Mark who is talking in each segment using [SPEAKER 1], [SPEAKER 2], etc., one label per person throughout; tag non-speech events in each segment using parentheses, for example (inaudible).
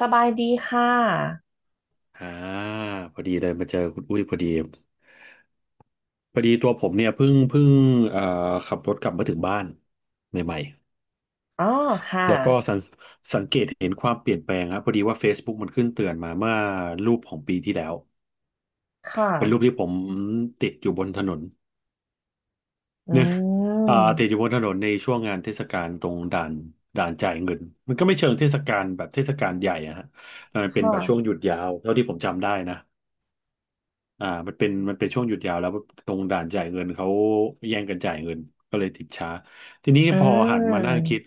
[SPEAKER 1] สบายดีค่ะ
[SPEAKER 2] อ่าพอดีเลยมาเจอคุณอุ้ยพอดีพอดีตัวผมเนี่ยเพิ่งเอ่อขับรถกลับมาถึงบ้านใหม่
[SPEAKER 1] อ๋อค่ะ
[SPEAKER 2] ๆแล้วก็สังเกตเห็นความเปลี่ยนแปลงครับพอดีว่า Facebook มันขึ้นเตือนมาเมื่อรูปของปีที่แล้ว
[SPEAKER 1] ค
[SPEAKER 2] เป็นรู
[SPEAKER 1] ่ะ
[SPEAKER 2] ปที่ผมติดอยู่บนถนน (laughs)
[SPEAKER 1] อื
[SPEAKER 2] เนี่ยอ่าติดอยู่
[SPEAKER 1] ม
[SPEAKER 2] บนถนนในช่วงงานเทศกาลตรงด่านด่านจ่ายเงินมันก็ไม่เชิงเทศกาลแบบเทศกาลใหญ่อะฮะแต่มัน
[SPEAKER 1] ค
[SPEAKER 2] เป็นแบบช่วงห
[SPEAKER 1] ่ะ
[SPEAKER 2] ยุดยาวเท่าที่ผมจำได้นะ มันเป็นช่วงหยุดยาวแล้วตรงด่านจ่ายเงินเขาแย่งกันจ่ายเงินก็เลยติดช้าทีนี้
[SPEAKER 1] อื
[SPEAKER 2] พอหันมานั่ง
[SPEAKER 1] ม
[SPEAKER 2] คิด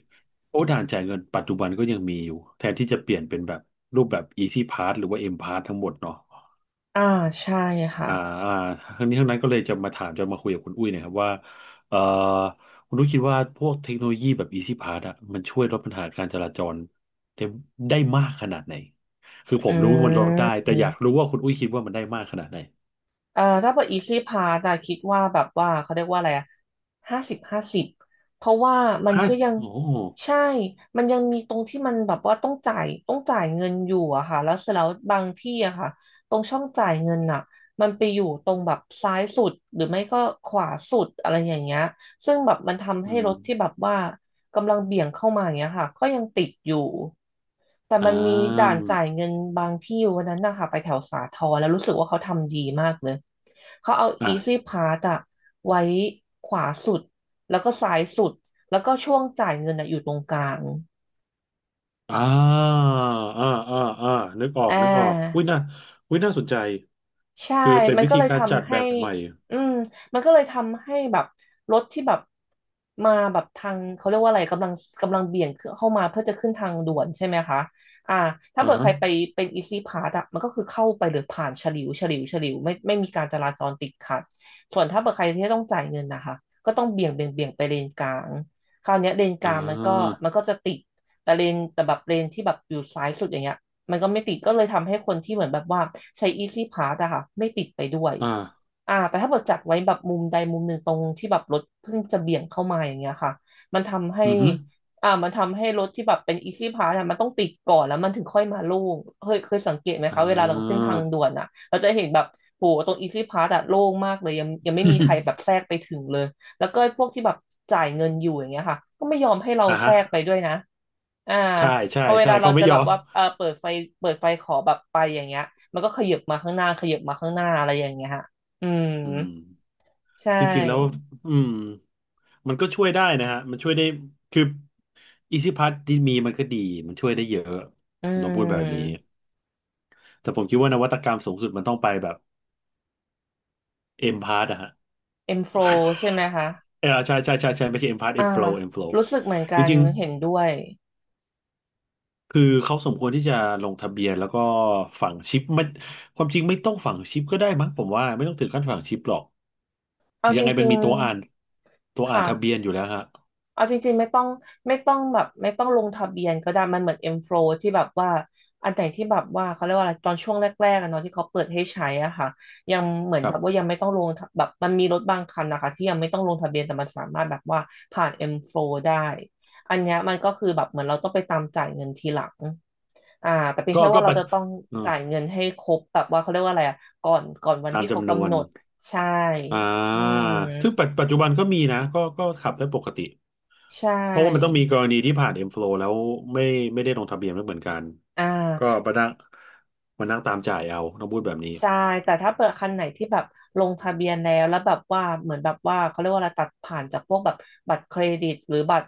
[SPEAKER 2] โอ้ด่านจ่ายเงินปัจจุบันก็ยังมีอยู่แทนที่จะเปลี่ยนเป็นแบบรูปแบบ Easy Pass หรือว่า M Pass ทั้งหมดเนาะ
[SPEAKER 1] อ่าใช่
[SPEAKER 2] อ่า
[SPEAKER 1] ค่ะ
[SPEAKER 2] อ่าทั้งนี้ทั้งนั้นก็เลยจะมาคุยกับคุณอุ้ยหนะครับว่าเอ่อคุณอุ้ยคิดว่าพวกเทคโนโลยีแบบ Easy Pass อะมันช่วยลดปัญหาการจราจรได้ได้มากขนาดไหนคือ
[SPEAKER 1] อ
[SPEAKER 2] ผมรู้ว่ามันลด
[SPEAKER 1] ื
[SPEAKER 2] ได้แต่อยา
[SPEAKER 1] ม
[SPEAKER 2] กรู้ว่าคุณอุ้ยคิดว่ามันได้มากขนาดไหน
[SPEAKER 1] ถ้าเป็น Easy Pass อะคิดว่าแบบว่าเขาเรียกว่าอะไรอะห้าสิบห้าสิบเพราะว่ามัน
[SPEAKER 2] ห้า
[SPEAKER 1] ก็ยัง
[SPEAKER 2] โอ้
[SPEAKER 1] ใช่มันยังมีตรงที่มันแบบว่าต้องจ่ายเงินอยู่อะค่ะแล้วเสร็จแล้วบางที่อะค่ะตรงช่องจ่ายเงินอะมันไปอยู่ตรงแบบซ้ายสุดหรือไม่ก็ขวาสุดอะไรอย่างเงี้ยซึ่งแบบมันทำ
[SPEAKER 2] อื
[SPEAKER 1] ให้ร
[SPEAKER 2] ม
[SPEAKER 1] ถที่แบบว่า กำลังเบี่ยงเข้ามาอย่างเงี้ยค่ะ ก็ยังติดอยู่ แต่
[SPEAKER 2] อ่า
[SPEAKER 1] มันมีด่า
[SPEAKER 2] ม
[SPEAKER 1] นจ่ายเงินบางที่วันนั้นนะคะไปแถวสาทรแล้วรู้สึกว่าเขาทำดีมากเลย เขาเอา
[SPEAKER 2] อ่ะ
[SPEAKER 1] Easy Pass อะไว้ขวาสุด แล้วก็ซ้ายสุด แล้วก็ช่วงจ่ายเงินอะอยู่ตรงกลาง
[SPEAKER 2] อ่าอ่าอ่าอ่านึกออ
[SPEAKER 1] อ่
[SPEAKER 2] กนึกออกอุ้ย
[SPEAKER 1] า
[SPEAKER 2] น่าอุ้ยน่าสนใจ
[SPEAKER 1] ใช่
[SPEAKER 2] คือเป็น
[SPEAKER 1] มัน
[SPEAKER 2] วิ
[SPEAKER 1] ก็
[SPEAKER 2] ธี
[SPEAKER 1] เลย
[SPEAKER 2] การจัด
[SPEAKER 1] ทำ
[SPEAKER 2] แบ
[SPEAKER 1] ให้
[SPEAKER 2] บใหม่
[SPEAKER 1] อืมมันก็เลยทำให้แบบรถที่แบบมาแบบทางเขาเรียกว่าอะไรกำลังเบี่ยงเข้ามาเพื่อจะขึ้นทางด่วนใช่ไหมคะอ่าถ้า
[SPEAKER 2] อ่า
[SPEAKER 1] เกิดใค
[SPEAKER 2] ฮะ
[SPEAKER 1] รไปเป็นอีซี่พาสอะมันก็คือเข้าไปหรือผ่านฉลิวฉลิวฉลิวไม่มีการจราจรติดขัดส่วนถ้าเกิดใครที่ต้องจ่ายเงินนะคะก็ต้องเบี่ยงไปเลนกลางคราวเนี้ยเลนก
[SPEAKER 2] อ่
[SPEAKER 1] ลางมันก็
[SPEAKER 2] า
[SPEAKER 1] มันก็จะติดแต่เลนแต่แบบเลนที่แบบอยู่ซ้ายสุดอย่างเงี้ย มันก็ไม่ติดก็เลยทำให้คนที่เหมือนแบบว่าใช้ Easy Pass อะค่ะไม่ติดไปด้วย
[SPEAKER 2] อ่า
[SPEAKER 1] อ่าแต่ถ้าเกิดจัดไว้แบบมุมใดมุมหนึ่งตรงที่แบบรถเพิ่งจะเบี่ยงเข้ามาอย่างเงี้ยค่ะมันทำให้
[SPEAKER 2] อือฮึ
[SPEAKER 1] อ่ามันทำให้รถที่แบบเป็น Easy Pass อะมันต้องติดก่อนแล้วมันถึงค่อยมาโล่งเคยสังเกตไหม
[SPEAKER 2] อ่
[SPEAKER 1] คะเวลาเราขึ้น
[SPEAKER 2] า
[SPEAKER 1] ทางด่วนอะเราจะเห็นแบบโหตรง Easy Pass อะโล่งมากเลยยังไม่มีใครแบบ
[SPEAKER 2] (laughs)
[SPEAKER 1] แทรกไปถึงเลยแล้วก็พวกที่แบบจ่ายเงินอยู่อย่างเงี้ยค่ะก็ไม่ยอมให้เรา
[SPEAKER 2] อ่า
[SPEAKER 1] แทร
[SPEAKER 2] ฮะ
[SPEAKER 1] กไปด้วยนะอ่า
[SPEAKER 2] ใช่ใช่
[SPEAKER 1] พอเว
[SPEAKER 2] ใช่
[SPEAKER 1] ลาเรา
[SPEAKER 2] เขาไม่
[SPEAKER 1] จะ
[SPEAKER 2] ย
[SPEAKER 1] แบ
[SPEAKER 2] อ
[SPEAKER 1] บ
[SPEAKER 2] ม
[SPEAKER 1] ว่าเออเปิดไฟเปิดไฟขอแบบไปอย่างเงี้ยมันก็ขยับมาข้างหน้า ขยับมาข้างหน้าอะไรอย่างเงี้ยฮะ อืม
[SPEAKER 2] อืม
[SPEAKER 1] ใช
[SPEAKER 2] จริงๆแล้ว
[SPEAKER 1] ่
[SPEAKER 2] อืมมันก็ช่วยได้นะฮะมันช่วยได้คืออีซี่พั s ที่มีมันก็ดีมันช่วยได้เยอะ
[SPEAKER 1] อื
[SPEAKER 2] ผมต้องพูดแบบนี้
[SPEAKER 1] ม
[SPEAKER 2] แต่ผมคิดว่านวัตกรรมสูงสุดมันต้องไปแบบ เอ็มพาร์ตอะฮะ
[SPEAKER 1] M flow ใช่ไหมคะ
[SPEAKER 2] (laughs) เออใช่ใช่ใช่ใช่ไม่ใช่เอ็มพาร์ตเอ็
[SPEAKER 1] อ่า
[SPEAKER 2] มโฟล์เอ็มโฟล์
[SPEAKER 1] รู้สึกเหมือนกั
[SPEAKER 2] จ
[SPEAKER 1] น
[SPEAKER 2] ริง
[SPEAKER 1] เห็นด้
[SPEAKER 2] ๆ
[SPEAKER 1] วย
[SPEAKER 2] คือเขาสมควรที่จะลงทะเบียนแล้วก็ฝังชิปไม่ความจริงไม่ต้องฝังชิปก็ได้มั้งผมว่าไม่ต้องถึงขั้นฝังชิปหรอก
[SPEAKER 1] เอา
[SPEAKER 2] ยั
[SPEAKER 1] จ
[SPEAKER 2] งไงมั
[SPEAKER 1] ริ
[SPEAKER 2] น
[SPEAKER 1] ง
[SPEAKER 2] มีตัวอ่านตัว
[SPEAKER 1] ๆ
[SPEAKER 2] อ่าน
[SPEAKER 1] ค่ะ
[SPEAKER 2] ทะเบียนอยู่แล้วฮะ
[SPEAKER 1] เอาจริงๆไม่ต้องไม่ต้องแบบไม่ต้องลงทะเบียนก็ได้มันเหมือนเอ็มโฟลว์ที่แบบว่าอันไหนที่แบบว่าเขาเรียกว่าอะไรตอนช่วงแรกๆอะเนาะที่เขาเปิดให้ใช้อ่ะค่ะยังเหมือน
[SPEAKER 2] ครั
[SPEAKER 1] แบบว่ายั
[SPEAKER 2] บ
[SPEAKER 1] งไม่ต้องลงทะแบบมันมีรถบางคันนะคะที่ยังไม่ต้องลงทะเบียนแต่มันสามารถแบบว่าผ่านเอ็มโฟลว์ได้อันเนี้ยมันก็คือแบบเหมือนเราต้องไปตามจ่ายเงินทีหลังอ่าแต่เป็น
[SPEAKER 2] ก็
[SPEAKER 1] แค่
[SPEAKER 2] ก็
[SPEAKER 1] ว่าเรา
[SPEAKER 2] ไปจ
[SPEAKER 1] จะต้อง
[SPEAKER 2] เออ
[SPEAKER 1] จ่ายเงินให้ครบแบบว่าเขาเรียกว่าอะไรอ่ะก่อนวัน
[SPEAKER 2] ตาม
[SPEAKER 1] ที่เขา
[SPEAKER 2] จำนว
[SPEAKER 1] กำห
[SPEAKER 2] น
[SPEAKER 1] นดใช่
[SPEAKER 2] อ
[SPEAKER 1] อื
[SPEAKER 2] ่า
[SPEAKER 1] ม
[SPEAKER 2] ซึ่งปัจจุบันก็มีนะก็ขับได้ปกติ
[SPEAKER 1] ใช
[SPEAKER 2] เพราะว่ามันต้อง
[SPEAKER 1] ่
[SPEAKER 2] มีกรณีที่ผ่าน M-Flow แล้วไม่ไม่ได้ลงทะเบียนไม่เหมือนกัน
[SPEAKER 1] อ่
[SPEAKER 2] ก็
[SPEAKER 1] า
[SPEAKER 2] มานั่งตามจ่ายเอาต้องพูดแบบนี้
[SPEAKER 1] ใช่แต่ถ้าเปิดคันไหนที่แบบลงทะเบียนแล้วแบบว่าเหมือนแบบว่าเขาเรียกว่าอะไรตัดผ่านจากพวกแบบบัตรเครดิตหรือบัตร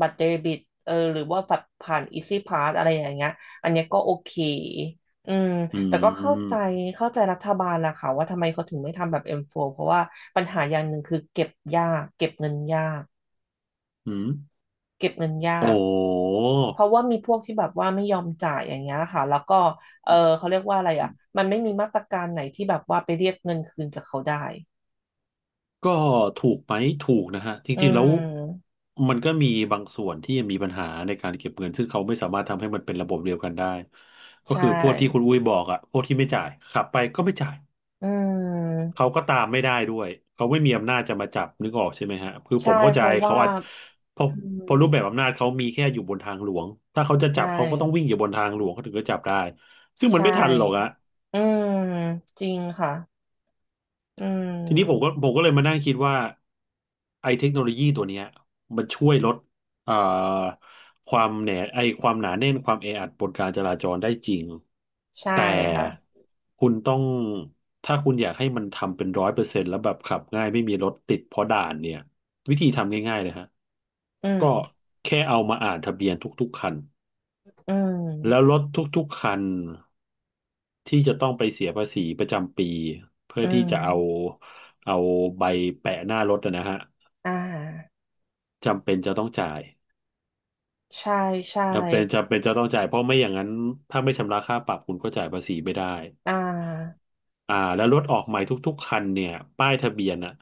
[SPEAKER 1] เดบิตเออหรือว่าแบบผ่านอีซี่พาสอะไรอย่างเงี้ยอันเนี้ยก็โอเคอืม
[SPEAKER 2] อื
[SPEAKER 1] แต่ก็เข้าใจ
[SPEAKER 2] ม
[SPEAKER 1] เข้าใจรัฐบาลแหละค่ะว่าทำไมเขาถึงไม่ทำแบบ M4 เพราะว่าปัญหาอย่างหนึ่งคือเก็บยากเก็บเงินยาก
[SPEAKER 2] อืม
[SPEAKER 1] เก็บเงินยา
[SPEAKER 2] โอ
[SPEAKER 1] ก
[SPEAKER 2] ้
[SPEAKER 1] เพราะว่ามีพวกที่แบบว่าไม่ยอมจ่ายอย่างเงี้ยค่ะแล้วก็เออเขาเรียกว่าอะไรอ่ะมันไม่มีมาตรการไหนที่แบบว่าไปเรียกเงินคืนจากเขาได้
[SPEAKER 2] ก็ถูกไหมถูกนะฮะ จ
[SPEAKER 1] อื
[SPEAKER 2] ริงๆแล้ว
[SPEAKER 1] ม
[SPEAKER 2] มันก็มีบางส่วนที่ยังมีปัญหาในการเก็บเงิน ซึ่งเขาไม่สามารถทำให้มันเป็นระบบเดียวกันได้ ก็
[SPEAKER 1] ใช่
[SPEAKER 2] คือพวกที่คุณอุ้ยบอกอะพวกที่ไม่จ่ายขับไปก็ไม่จ่าย
[SPEAKER 1] อืม
[SPEAKER 2] เขาก็ตามไม่ได้ด้วยเขาไม่มีอำนาจจะมาจับนึกออกใช่ไหมฮะคือผ
[SPEAKER 1] ใช่
[SPEAKER 2] มเข้า
[SPEAKER 1] เพ
[SPEAKER 2] ใจ
[SPEAKER 1] ราะ
[SPEAKER 2] เขา
[SPEAKER 1] ว่า
[SPEAKER 2] อาจเพราะ
[SPEAKER 1] อืม
[SPEAKER 2] เพราะรูปแบบอำนาจเขามีแค่อยู่บนทางหลวงถ้าเขาจะจั
[SPEAKER 1] ใช่
[SPEAKER 2] บเขาก็ต้องวิ่งอยู่บนทางหลวงเขาถึงจะจับได้ซึ่ง
[SPEAKER 1] ใช
[SPEAKER 2] มันไม่ทันหรอกอะ
[SPEAKER 1] ่ อืมจริงค่ะอื
[SPEAKER 2] ทีนี้ผมก็
[SPEAKER 1] ม
[SPEAKER 2] ผมก็เลยมานั่งคิดว่าไอ้เทคโนโลยีตัวเนี้ยมันช่วยลดเอ่อความหนาแน่นความแออัดบนการจราจรได้จริง
[SPEAKER 1] ใช่
[SPEAKER 2] แต่
[SPEAKER 1] ค่ะ
[SPEAKER 2] คุณต้องถ้าคุณอยากให้มันทำเป็นร้อยเปอร์เซ็นต์แล้วแบบขับง่ายไม่มีรถติดเพราะด่านเนี่ยวิธีทำง่ายๆเลยฮะ
[SPEAKER 1] อืม
[SPEAKER 2] ก็แค่เอามาอ่านทะเบียนทุกๆคัน
[SPEAKER 1] อื
[SPEAKER 2] แล้ว
[SPEAKER 1] ม
[SPEAKER 2] รถทุกๆคัน ที่จะต้องไปเสียภาษีประจำปีเพื่อ
[SPEAKER 1] อื
[SPEAKER 2] ที่
[SPEAKER 1] ม
[SPEAKER 2] จะเอาเอาใบแปะหน้ารถอะนะฮะ
[SPEAKER 1] อ่า
[SPEAKER 2] จำเป็นจะต้องจ่าย
[SPEAKER 1] ใช่ใช่
[SPEAKER 2] จำเป็นจะต้องจ่ายเพราะไม่อย่างนั้นถ้าไม่ชำระค่าปรับคุณก็จ่ายภาษีไม่ได้
[SPEAKER 1] อ่า
[SPEAKER 2] แล้วรถออกใหม่ทุกๆคันเนี่ยป้ายทะเบียนอ่ะ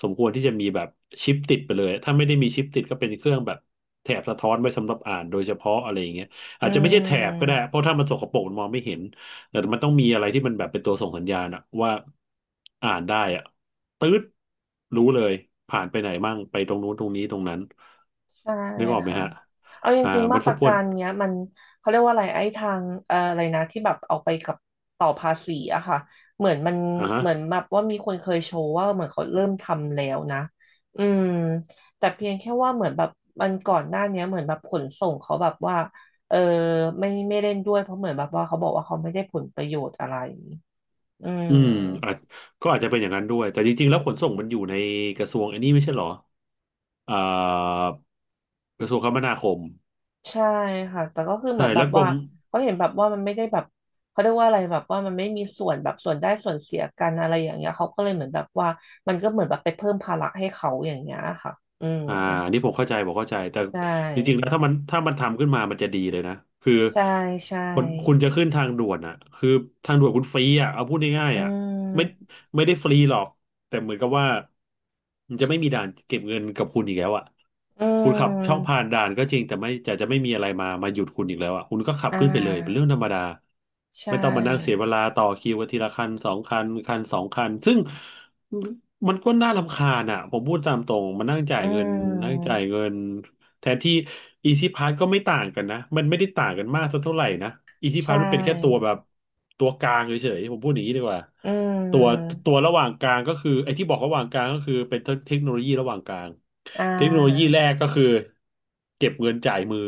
[SPEAKER 2] สมควรที่จะมีแบบชิปติดไปเลยถ้าไม่ได้มีชิปติดก็เป็นเครื่องแบบแถบสะท้อนไว้สำหรับอ่านโดยเฉพาะอะไรอย่างเงี้ย
[SPEAKER 1] อื
[SPEAKER 2] อาจจะไม่ใช่แถบก็ได้เพ
[SPEAKER 1] ม
[SPEAKER 2] ราะถ้ามันสกปรกมันมองไม่เห็นแต่มันต้องมีอะไรที่มันแบบเป็นตัวส่งสัญญาณอะว่าอ่านได้อะตื๊ดรู้เลยผ่านไปไหนมั่งไปตรงนู้นตรงนี้ตรงนั้น
[SPEAKER 1] ใช่
[SPEAKER 2] นึกออกไหม
[SPEAKER 1] ค่ะ
[SPEAKER 2] ฮะ
[SPEAKER 1] เอาจ
[SPEAKER 2] อ่า
[SPEAKER 1] ริงๆ
[SPEAKER 2] มั
[SPEAKER 1] มา
[SPEAKER 2] น
[SPEAKER 1] ต
[SPEAKER 2] ส
[SPEAKER 1] ร
[SPEAKER 2] มค
[SPEAKER 1] กา
[SPEAKER 2] วร
[SPEAKER 1] รเนี้ยมันเขาเรียกว่าอะไรไอ้ทางอะไรนะที่แบบเอาไปกับต่อภาษีอะค่ะเหมือนมัน
[SPEAKER 2] อ่าฮะ
[SPEAKER 1] เหมือนแบบว่ามีคนเคยโชว์ว่าเหมือนเขาเริ่มทำแล้วนะ อืมแต่เพียงแค่ว่าเหมือนแบบมันก่อนหน้าเนี้ยเหมือนแบบขนส่งเขาแบบว่าเออไม่เล่นด้วยเพราะเหมือนแบบว่าเขาบอกว่าเขาไม่ได้ผลประโยชน์อะไรอื
[SPEAKER 2] อืมอา
[SPEAKER 1] ม
[SPEAKER 2] จก็อาจจะเป็นอย่างนั้นด้วยแต่จริงๆแล้วขนส่งมันอยู่ในกระทรวงอันนี้ไม่ใช่เหรอ เอ่อกระทรวงคมนาคม
[SPEAKER 1] ใช่ค่ะแต่ก็คือเหมื
[SPEAKER 2] ใช่
[SPEAKER 1] อนแบ
[SPEAKER 2] แล้
[SPEAKER 1] บ
[SPEAKER 2] วกร
[SPEAKER 1] ว่า
[SPEAKER 2] ม
[SPEAKER 1] เขาเห็นแบบว่ามันไม่ได้แบบเขาเรียกว่าอะไรแบบว่ามันไม่มีส่วนแบบส่วนได้ส่วนเสียกันอะไรอย่างเงี้ยเขาก็เลยเหมือนแบบว่ามันก็เหมือนแบบไปเพิ่มภาระให้เขาอย่างเงี้ยค่ะอืม
[SPEAKER 2] อ่าอันนี้ผมเข้าใจแต่
[SPEAKER 1] ใช
[SPEAKER 2] จริงๆแล้
[SPEAKER 1] ่
[SPEAKER 2] วถ้ามันทำขึ้นมามันจะดีเลยนะคือ
[SPEAKER 1] ใช่ใช่
[SPEAKER 2] คนคุณจะขึ้นทางด่วนอ่ะคือทางด่วนคุณฟรีอ่ะเอาพูดง่าย
[SPEAKER 1] อื
[SPEAKER 2] ๆอ่ะไม่
[SPEAKER 1] ม
[SPEAKER 2] ไม่ได้ฟรีหรอกแต่เหมือนกับว่ามันจะไม่มีด่านเก็บเงินกับคุณอีกแล้วอ่ะ
[SPEAKER 1] อื
[SPEAKER 2] คุณขับช่อง
[SPEAKER 1] ม
[SPEAKER 2] ผ่านด่านก็จริงแต่ไม่จะจะไม่มีอะไรมาหยุดคุณอีกแล้วอ่ะคุณก็ขับ
[SPEAKER 1] อ่
[SPEAKER 2] ขึ้นไปเลยเป็นเรื่อ
[SPEAKER 1] า
[SPEAKER 2] งธรรมดา
[SPEAKER 1] ใช
[SPEAKER 2] ไม่ต้องมานั่งเสีย
[SPEAKER 1] ่
[SPEAKER 2] เวลาต่อคิวกันทีละคันสองคันซึ่ง มันก็น่ารำคาญอ่ะผมพูดตามตรงมันนั่งจ่า
[SPEAKER 1] อื
[SPEAKER 2] ยเงินนั่งจ่า
[SPEAKER 1] ม
[SPEAKER 2] ยเงินแทนที่อีซีพาสก็ไม่ต่างกันนะมันไม่ได้ต่างกันมากสักเท่าไหร่นะอีซี
[SPEAKER 1] ใช
[SPEAKER 2] พาสมันเป็นแค่ตัว
[SPEAKER 1] ่
[SPEAKER 2] แบบตัวกลางเฉยๆผมพูดอย่างนี้ดีกว่า
[SPEAKER 1] อื
[SPEAKER 2] ตัว
[SPEAKER 1] ม
[SPEAKER 2] ตัวระหว่างกลางก็คือไอ้ที่บอกระหว่างกลางก็คือเป็นเทคโนโลยีระหว่างกลาง
[SPEAKER 1] อ่
[SPEAKER 2] เทคโนโลยี
[SPEAKER 1] า
[SPEAKER 2] แรกก็คือเก็บเงินจ่ายมือ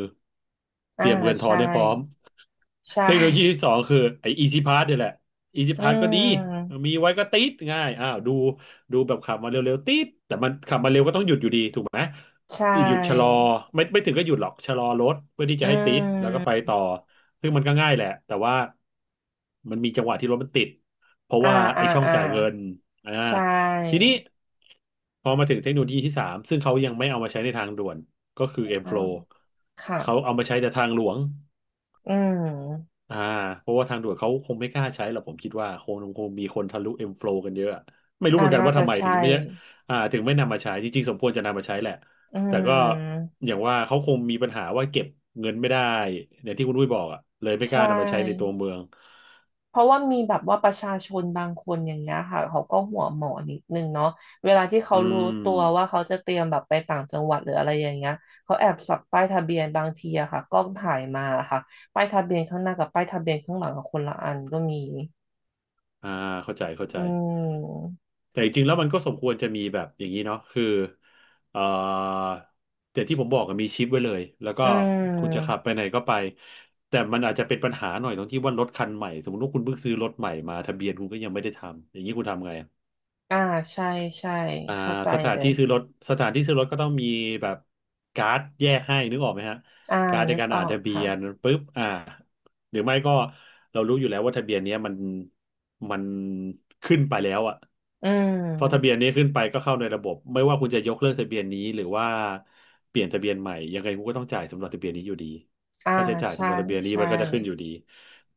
[SPEAKER 1] อ่า
[SPEAKER 2] เตรียมเงินทอ
[SPEAKER 1] ใช่
[SPEAKER 2] นให้พร้อม
[SPEAKER 1] ใช
[SPEAKER 2] เทคโนโลยีที่
[SPEAKER 1] ่
[SPEAKER 2] สองคือไอ้ Easy Pass เนี่ยแหละ Easy
[SPEAKER 1] อื
[SPEAKER 2] Pass ก็ดี
[SPEAKER 1] ม
[SPEAKER 2] มีไว้ก็ติดง่ายอ้าวดูแบบขับมาเร็วๆติดแต่มันขับมาเร็วก็ต้องหยุดอยู่ดีถูกไหม
[SPEAKER 1] ใช่
[SPEAKER 2] หยุดชะลอไม่ถึงก็หยุดหรอกชะลอรถเพื่อที่
[SPEAKER 1] อื
[SPEAKER 2] จะให้ติดแล้วก็ไป
[SPEAKER 1] ม
[SPEAKER 2] ต่อซึ่งมันก็ง่ายแหละแต่ว่ามันมีจังหวะที่รถมันติดเพราะ
[SPEAKER 1] อ่า
[SPEAKER 2] ว่า
[SPEAKER 1] อ่า
[SPEAKER 2] ไอ้ช่อง
[SPEAKER 1] อ่า
[SPEAKER 2] จ่ายเงินอ่า
[SPEAKER 1] ใช่
[SPEAKER 2] ทีนี้พอมาถึงเทคโนโลยีที่สามซึ่งเขายังไม่เอามาใช้ในทางด่วนก็คือ
[SPEAKER 1] อ่า
[SPEAKER 2] M-Flow
[SPEAKER 1] ค่ะ
[SPEAKER 2] เขาเอามาใช้แต่ทางหลวง
[SPEAKER 1] อืม
[SPEAKER 2] อ่าเพราะว่าทางด่วนเขาคงไม่กล้าใช้หรอกผมคิดว่าคงมีคนทะลุ M-Flow กันเยอะอะไม่รู้
[SPEAKER 1] อ่า
[SPEAKER 2] เหมือนกัน
[SPEAKER 1] น่า
[SPEAKER 2] ว่า
[SPEAKER 1] จะ
[SPEAKER 2] ทำไมถึง
[SPEAKER 1] ใช่
[SPEAKER 2] ไม่อ่าถึงไม่นำมาใช้จริงๆสมควรจะนำมาใช้แหละ
[SPEAKER 1] อื
[SPEAKER 2] แต่ก็
[SPEAKER 1] ม
[SPEAKER 2] อย่างว่าเขาคงมีปัญหาว่าเก็บเงินไม่ได้อย่างที่คุณอุ้ยบอกอะเลยไม่
[SPEAKER 1] ใช
[SPEAKER 2] กล้านำมาใช้ในตัว
[SPEAKER 1] ่
[SPEAKER 2] เมือง
[SPEAKER 1] เพราะว่ามีแบบว่าประชาชนบางคนอย่างเงี้ยค่ะเขาก็หัวหมอนิดนึงเนาะเวลาที่เขา
[SPEAKER 2] อื
[SPEAKER 1] รู้ตัวว่า
[SPEAKER 2] ม
[SPEAKER 1] เขาจะเตรียมแบบไปต่างจังหวัดหรืออะไรอย่างเงี้ยเขาแอบสับป้ายทะเบียนบางทีอะค่ะกล้องถ่ายมาค่ะป้ายทะเบียนข้างหน้ากับป้ายทะเบียนข้างหลังกับคนละอันก็มี
[SPEAKER 2] อ่าเข้าใจ
[SPEAKER 1] อืม
[SPEAKER 2] แต่จริงๆแล้วมันก็สมควรจะมีแบบอย่างนี้เนาะคือเอ่อแต่ที่ผมบอกอะมีชิปไว้เลยแล้วก็
[SPEAKER 1] อื
[SPEAKER 2] คุณจะขั
[SPEAKER 1] ม
[SPEAKER 2] บไปไหนก็ไปแต่มันอาจจะเป็นปัญหาหน่อยตรงที่ว่ารถคันใหม่สมมติว่าคุณเพิ่งซื้อรถใหม่มาทะเบียนคุณก็ยังไม่ได้ทำอย่างนี้คุณทำไง
[SPEAKER 1] อ่าใช่ใช่
[SPEAKER 2] อ่า
[SPEAKER 1] เข้าใจ
[SPEAKER 2] สถาน
[SPEAKER 1] เลย
[SPEAKER 2] ที่ซื้อรถสถานที่ซื้อรถก็ต้องมีแบบการ์ดแยกให้นึกออกไหมฮะ
[SPEAKER 1] อ่า
[SPEAKER 2] การ์ดใน
[SPEAKER 1] นึก
[SPEAKER 2] การ
[SPEAKER 1] ออ
[SPEAKER 2] อ่าน
[SPEAKER 1] ก
[SPEAKER 2] ทะเบี
[SPEAKER 1] ค่ะ
[SPEAKER 2] ยนปุ๊บอ่าหรือไม่ก็เรารู้อยู่แล้วว่าทะเบียนเนี้ยมันขึ้นไปแล้วอ่ะ
[SPEAKER 1] อื
[SPEAKER 2] พอทะเบียน
[SPEAKER 1] ม
[SPEAKER 2] นี้ขึ้นไปก็เข้าในระบบไม่ว่าคุณจะยกเลิกทะเบียนนี้หรือว่าเปลี่ยนทะเบียนใหม่ยังไงคุณก็ต้องจ่ายสำหรับทะเบียนนี้อยู่ดี
[SPEAKER 1] อ่า
[SPEAKER 2] ค่าใช้จ่าย
[SPEAKER 1] ใช่
[SPEAKER 2] สำหรับทะเบียนนี้
[SPEAKER 1] ใช่
[SPEAKER 2] มันก็จะขึ้นอยู่ดี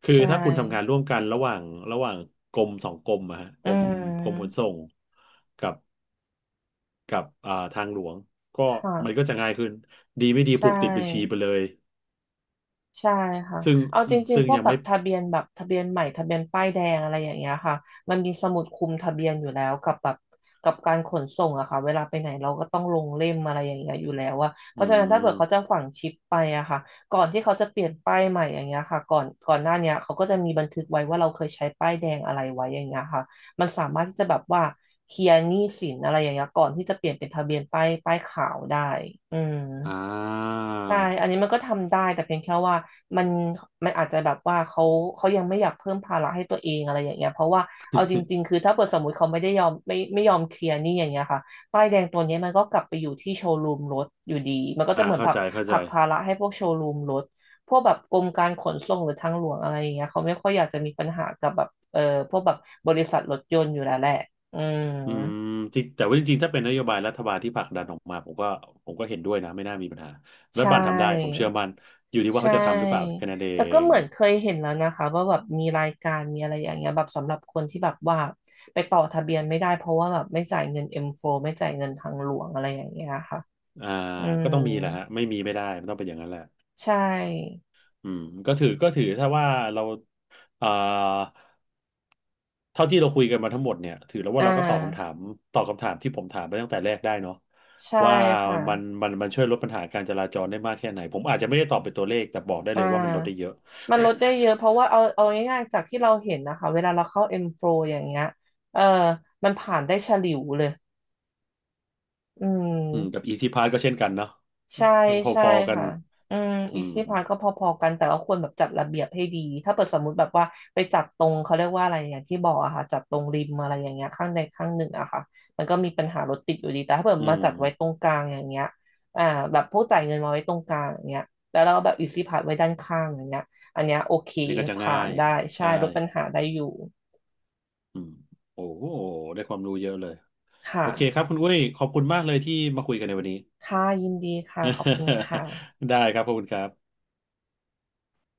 [SPEAKER 2] คือ
[SPEAKER 1] ใช่
[SPEAKER 2] ถ้าคุณทำงานร่วมกันระหว่างกรมสองกรมอะฮะ
[SPEAKER 1] อื
[SPEAKER 2] กรมขน
[SPEAKER 1] ม
[SPEAKER 2] ส่งกับ กับอ่าทางหลวงก็มัน
[SPEAKER 1] ค่ะ
[SPEAKER 2] ก็จะง่ายขึ้นดีไม่ดี
[SPEAKER 1] ใช่
[SPEAKER 2] ผูกติดบัญชีไปเลย
[SPEAKER 1] ใช่ค่ะ
[SPEAKER 2] ซึ่ง
[SPEAKER 1] เอาจริงๆพวก
[SPEAKER 2] ยัง
[SPEAKER 1] แบบ
[SPEAKER 2] ไม่
[SPEAKER 1] ทะเบียนแบบทะเบียนใหม่ทะเบียนป้ายแดงอะไรอย่างเงี้ยค่ะมันมีสมุดคุมทะเบียนอยู่แล้วกับแบบกับการขนส่งอะค่ะเวลาไปไหนเราก็ต้องลงเล่มอะไรอย่างเงี้ยอยู่แล้วอะเพ
[SPEAKER 2] อื
[SPEAKER 1] ราะฉะนั้นถ้าเกิดเขาจะ
[SPEAKER 2] ม
[SPEAKER 1] ฝังชิปไปอะค่ะก่อนที่เขาจะเปลี่ยนป้ายใหม่อย่างเงี้ยค่ะก่อนก่อนหน้าเนี้ยเขาก็จะมีบันทึกไว้ว่าเราเคยใช้ป้ายแดงอะไรไว้อย่างเงี้ยค่ะมันสามารถที่จะแบบว่าเคลียร์หนี้สินอะไรอย่างเงี้ยก่อนที่จะเปลี่ยนเป็นทะเบียนป้ายป้ายขาวได้อืม
[SPEAKER 2] อ่า
[SPEAKER 1] ใช่อันนี้มันก็ทำได้แต่เพียงแค่ว่ามันมันอาจจะแบบว่าเขาเขายังไม่อยากเพิ่มภาระให้ตัวเองอะไรอย่างเงี้ยเพราะว่าเอาจริงๆคือถ้าเปิดสมมติเขาไม่ได้ยอมไม่ยอมเคลียร์หนี่อย่างเงี้ยค่ะป้ายแดงตัวเนี้ยมันก็กลับไปอยู่ที่โชว์รูมรถอยู่ดีมันก็
[SPEAKER 2] (laughs) อ่า
[SPEAKER 1] จะเหมือน
[SPEAKER 2] เข้า
[SPEAKER 1] ผลัก
[SPEAKER 2] ใจ
[SPEAKER 1] ผลักภาระให้พวกโชว์รูมรถพวกแบบกรมการขนส่งหรือทางหลวงอะไรอย่างเงี้ยเขาไม่ค่อยอยากจะมีปัญหากับแบบพวกแบบบริษัทรถยนต์อยู่แล้วแหละอืม
[SPEAKER 2] อืมจริงแต่ว่าจริงๆถ้าเป็นนโยบายรัฐบาลที่ผลักดันออกมาผมก็เห็นด้วยนะไม่น่ามีปัญหารัฐ
[SPEAKER 1] ใช่
[SPEAKER 2] บาลทำได้ผมเชื่อมันอยู่ที่ว่า
[SPEAKER 1] ใช
[SPEAKER 2] เขาจะทำหรือเปล่า
[SPEAKER 1] ่
[SPEAKER 2] แค่นั้นเอ
[SPEAKER 1] แต่ก็
[SPEAKER 2] ง
[SPEAKER 1] เหมือนเคยเห็นแล้วนะคะว่าแบบมีรายการมีอะไรอย่างเงี้ยแบบสำหรับคนที่แบบว่าไปต่อทะเบียนไม่ได้เพราะว่าแบบไม่จ่ายเงิน M4 ไม่จ่ายเงินทางหลวงอะไรอย่างเงี้ยค่ะ
[SPEAKER 2] อ่า
[SPEAKER 1] อืม
[SPEAKER 2] ก็ต้องมีแหละฮะ.ไม่มีไม่ได้มันต้องเป็นอย่างนั้นแหละ
[SPEAKER 1] ใช่
[SPEAKER 2] อืมก็ถือถ้าว่าเราอ่า เท่าที่เราคุยกันมาทั้งหมดเนี่ยถือแล้ว
[SPEAKER 1] อ่
[SPEAKER 2] ว่าเราก็ตอบคำถา
[SPEAKER 1] า
[SPEAKER 2] มที่ผมถามไปตั้งแต่แรกได้เนาะ
[SPEAKER 1] ใช่
[SPEAKER 2] ว่า
[SPEAKER 1] ค่ะ
[SPEAKER 2] มันมันช่วยลดปัญหาการจราจรได้มากแค่ไหนผมอาจจะไม่ได้ตอบเป็นตัวเลขแต่บอกได้
[SPEAKER 1] อ่
[SPEAKER 2] เลยว่ามันลดได้เย
[SPEAKER 1] า
[SPEAKER 2] อะ
[SPEAKER 1] มันลดได้เยอะเพราะว่าเอาง่ายๆจากที่เราเห็นนะคะเวลาเราเข้า M4 อมโฟร์อย่างเงี้ยเออมันผ่านได้ฉลิวเลยอื
[SPEAKER 2] (laughs) อืมกับ
[SPEAKER 1] ม
[SPEAKER 2] Easy Pass ก็เช่นกันเนาะ
[SPEAKER 1] ใช่ใช่
[SPEAKER 2] พอๆกัน
[SPEAKER 1] ค่ะอืม
[SPEAKER 2] อื
[SPEAKER 1] อี
[SPEAKER 2] ม
[SPEAKER 1] ซี่พาสก็พอๆกันแต่ว่าควรแบบจัดระเบียบให้ดีถ้าเปิดสมมุติแบบว่าไปจัดตรงเขาเรียกว่าอะไรอย่างที่บอกอะค่ะจัดตรงริมอะไรอย่างเงี้ยข้างใดข้างหนึ่งอะค่ะมันก็มีปัญหารถติดอยู่ดีแต่ถ้าเปิด
[SPEAKER 2] อื
[SPEAKER 1] มา
[SPEAKER 2] ม
[SPEAKER 1] จัดไว้ตรงกลางอย่างเงี้ยอ่าแบบพวกจ่ายเงินมาไว้ตรงกลางอย่างเงี้ยแล้วเราแบบอีซี่พาสไว้ด้านข้างอย่างเงี้ยอันเนี้ยโอเค
[SPEAKER 2] นี่ก็จะ
[SPEAKER 1] ผ่า
[SPEAKER 2] ง่า
[SPEAKER 1] น
[SPEAKER 2] ย
[SPEAKER 1] ได้ใช่
[SPEAKER 2] ใช่
[SPEAKER 1] ลดปัญหาได้อยู่
[SPEAKER 2] อืมโอ้โหได้ความรู้เยอะเลย
[SPEAKER 1] ค
[SPEAKER 2] โอเคค
[SPEAKER 1] ่ะ
[SPEAKER 2] รับคุณอุ้ยขอบคุณมากเลยที่มาคุยกันในวันนี้
[SPEAKER 1] ค่ะยินดีค่ะขอบคุณ
[SPEAKER 2] (laughs)
[SPEAKER 1] ค่ะ
[SPEAKER 2] ได้ครับขอบคุณครับ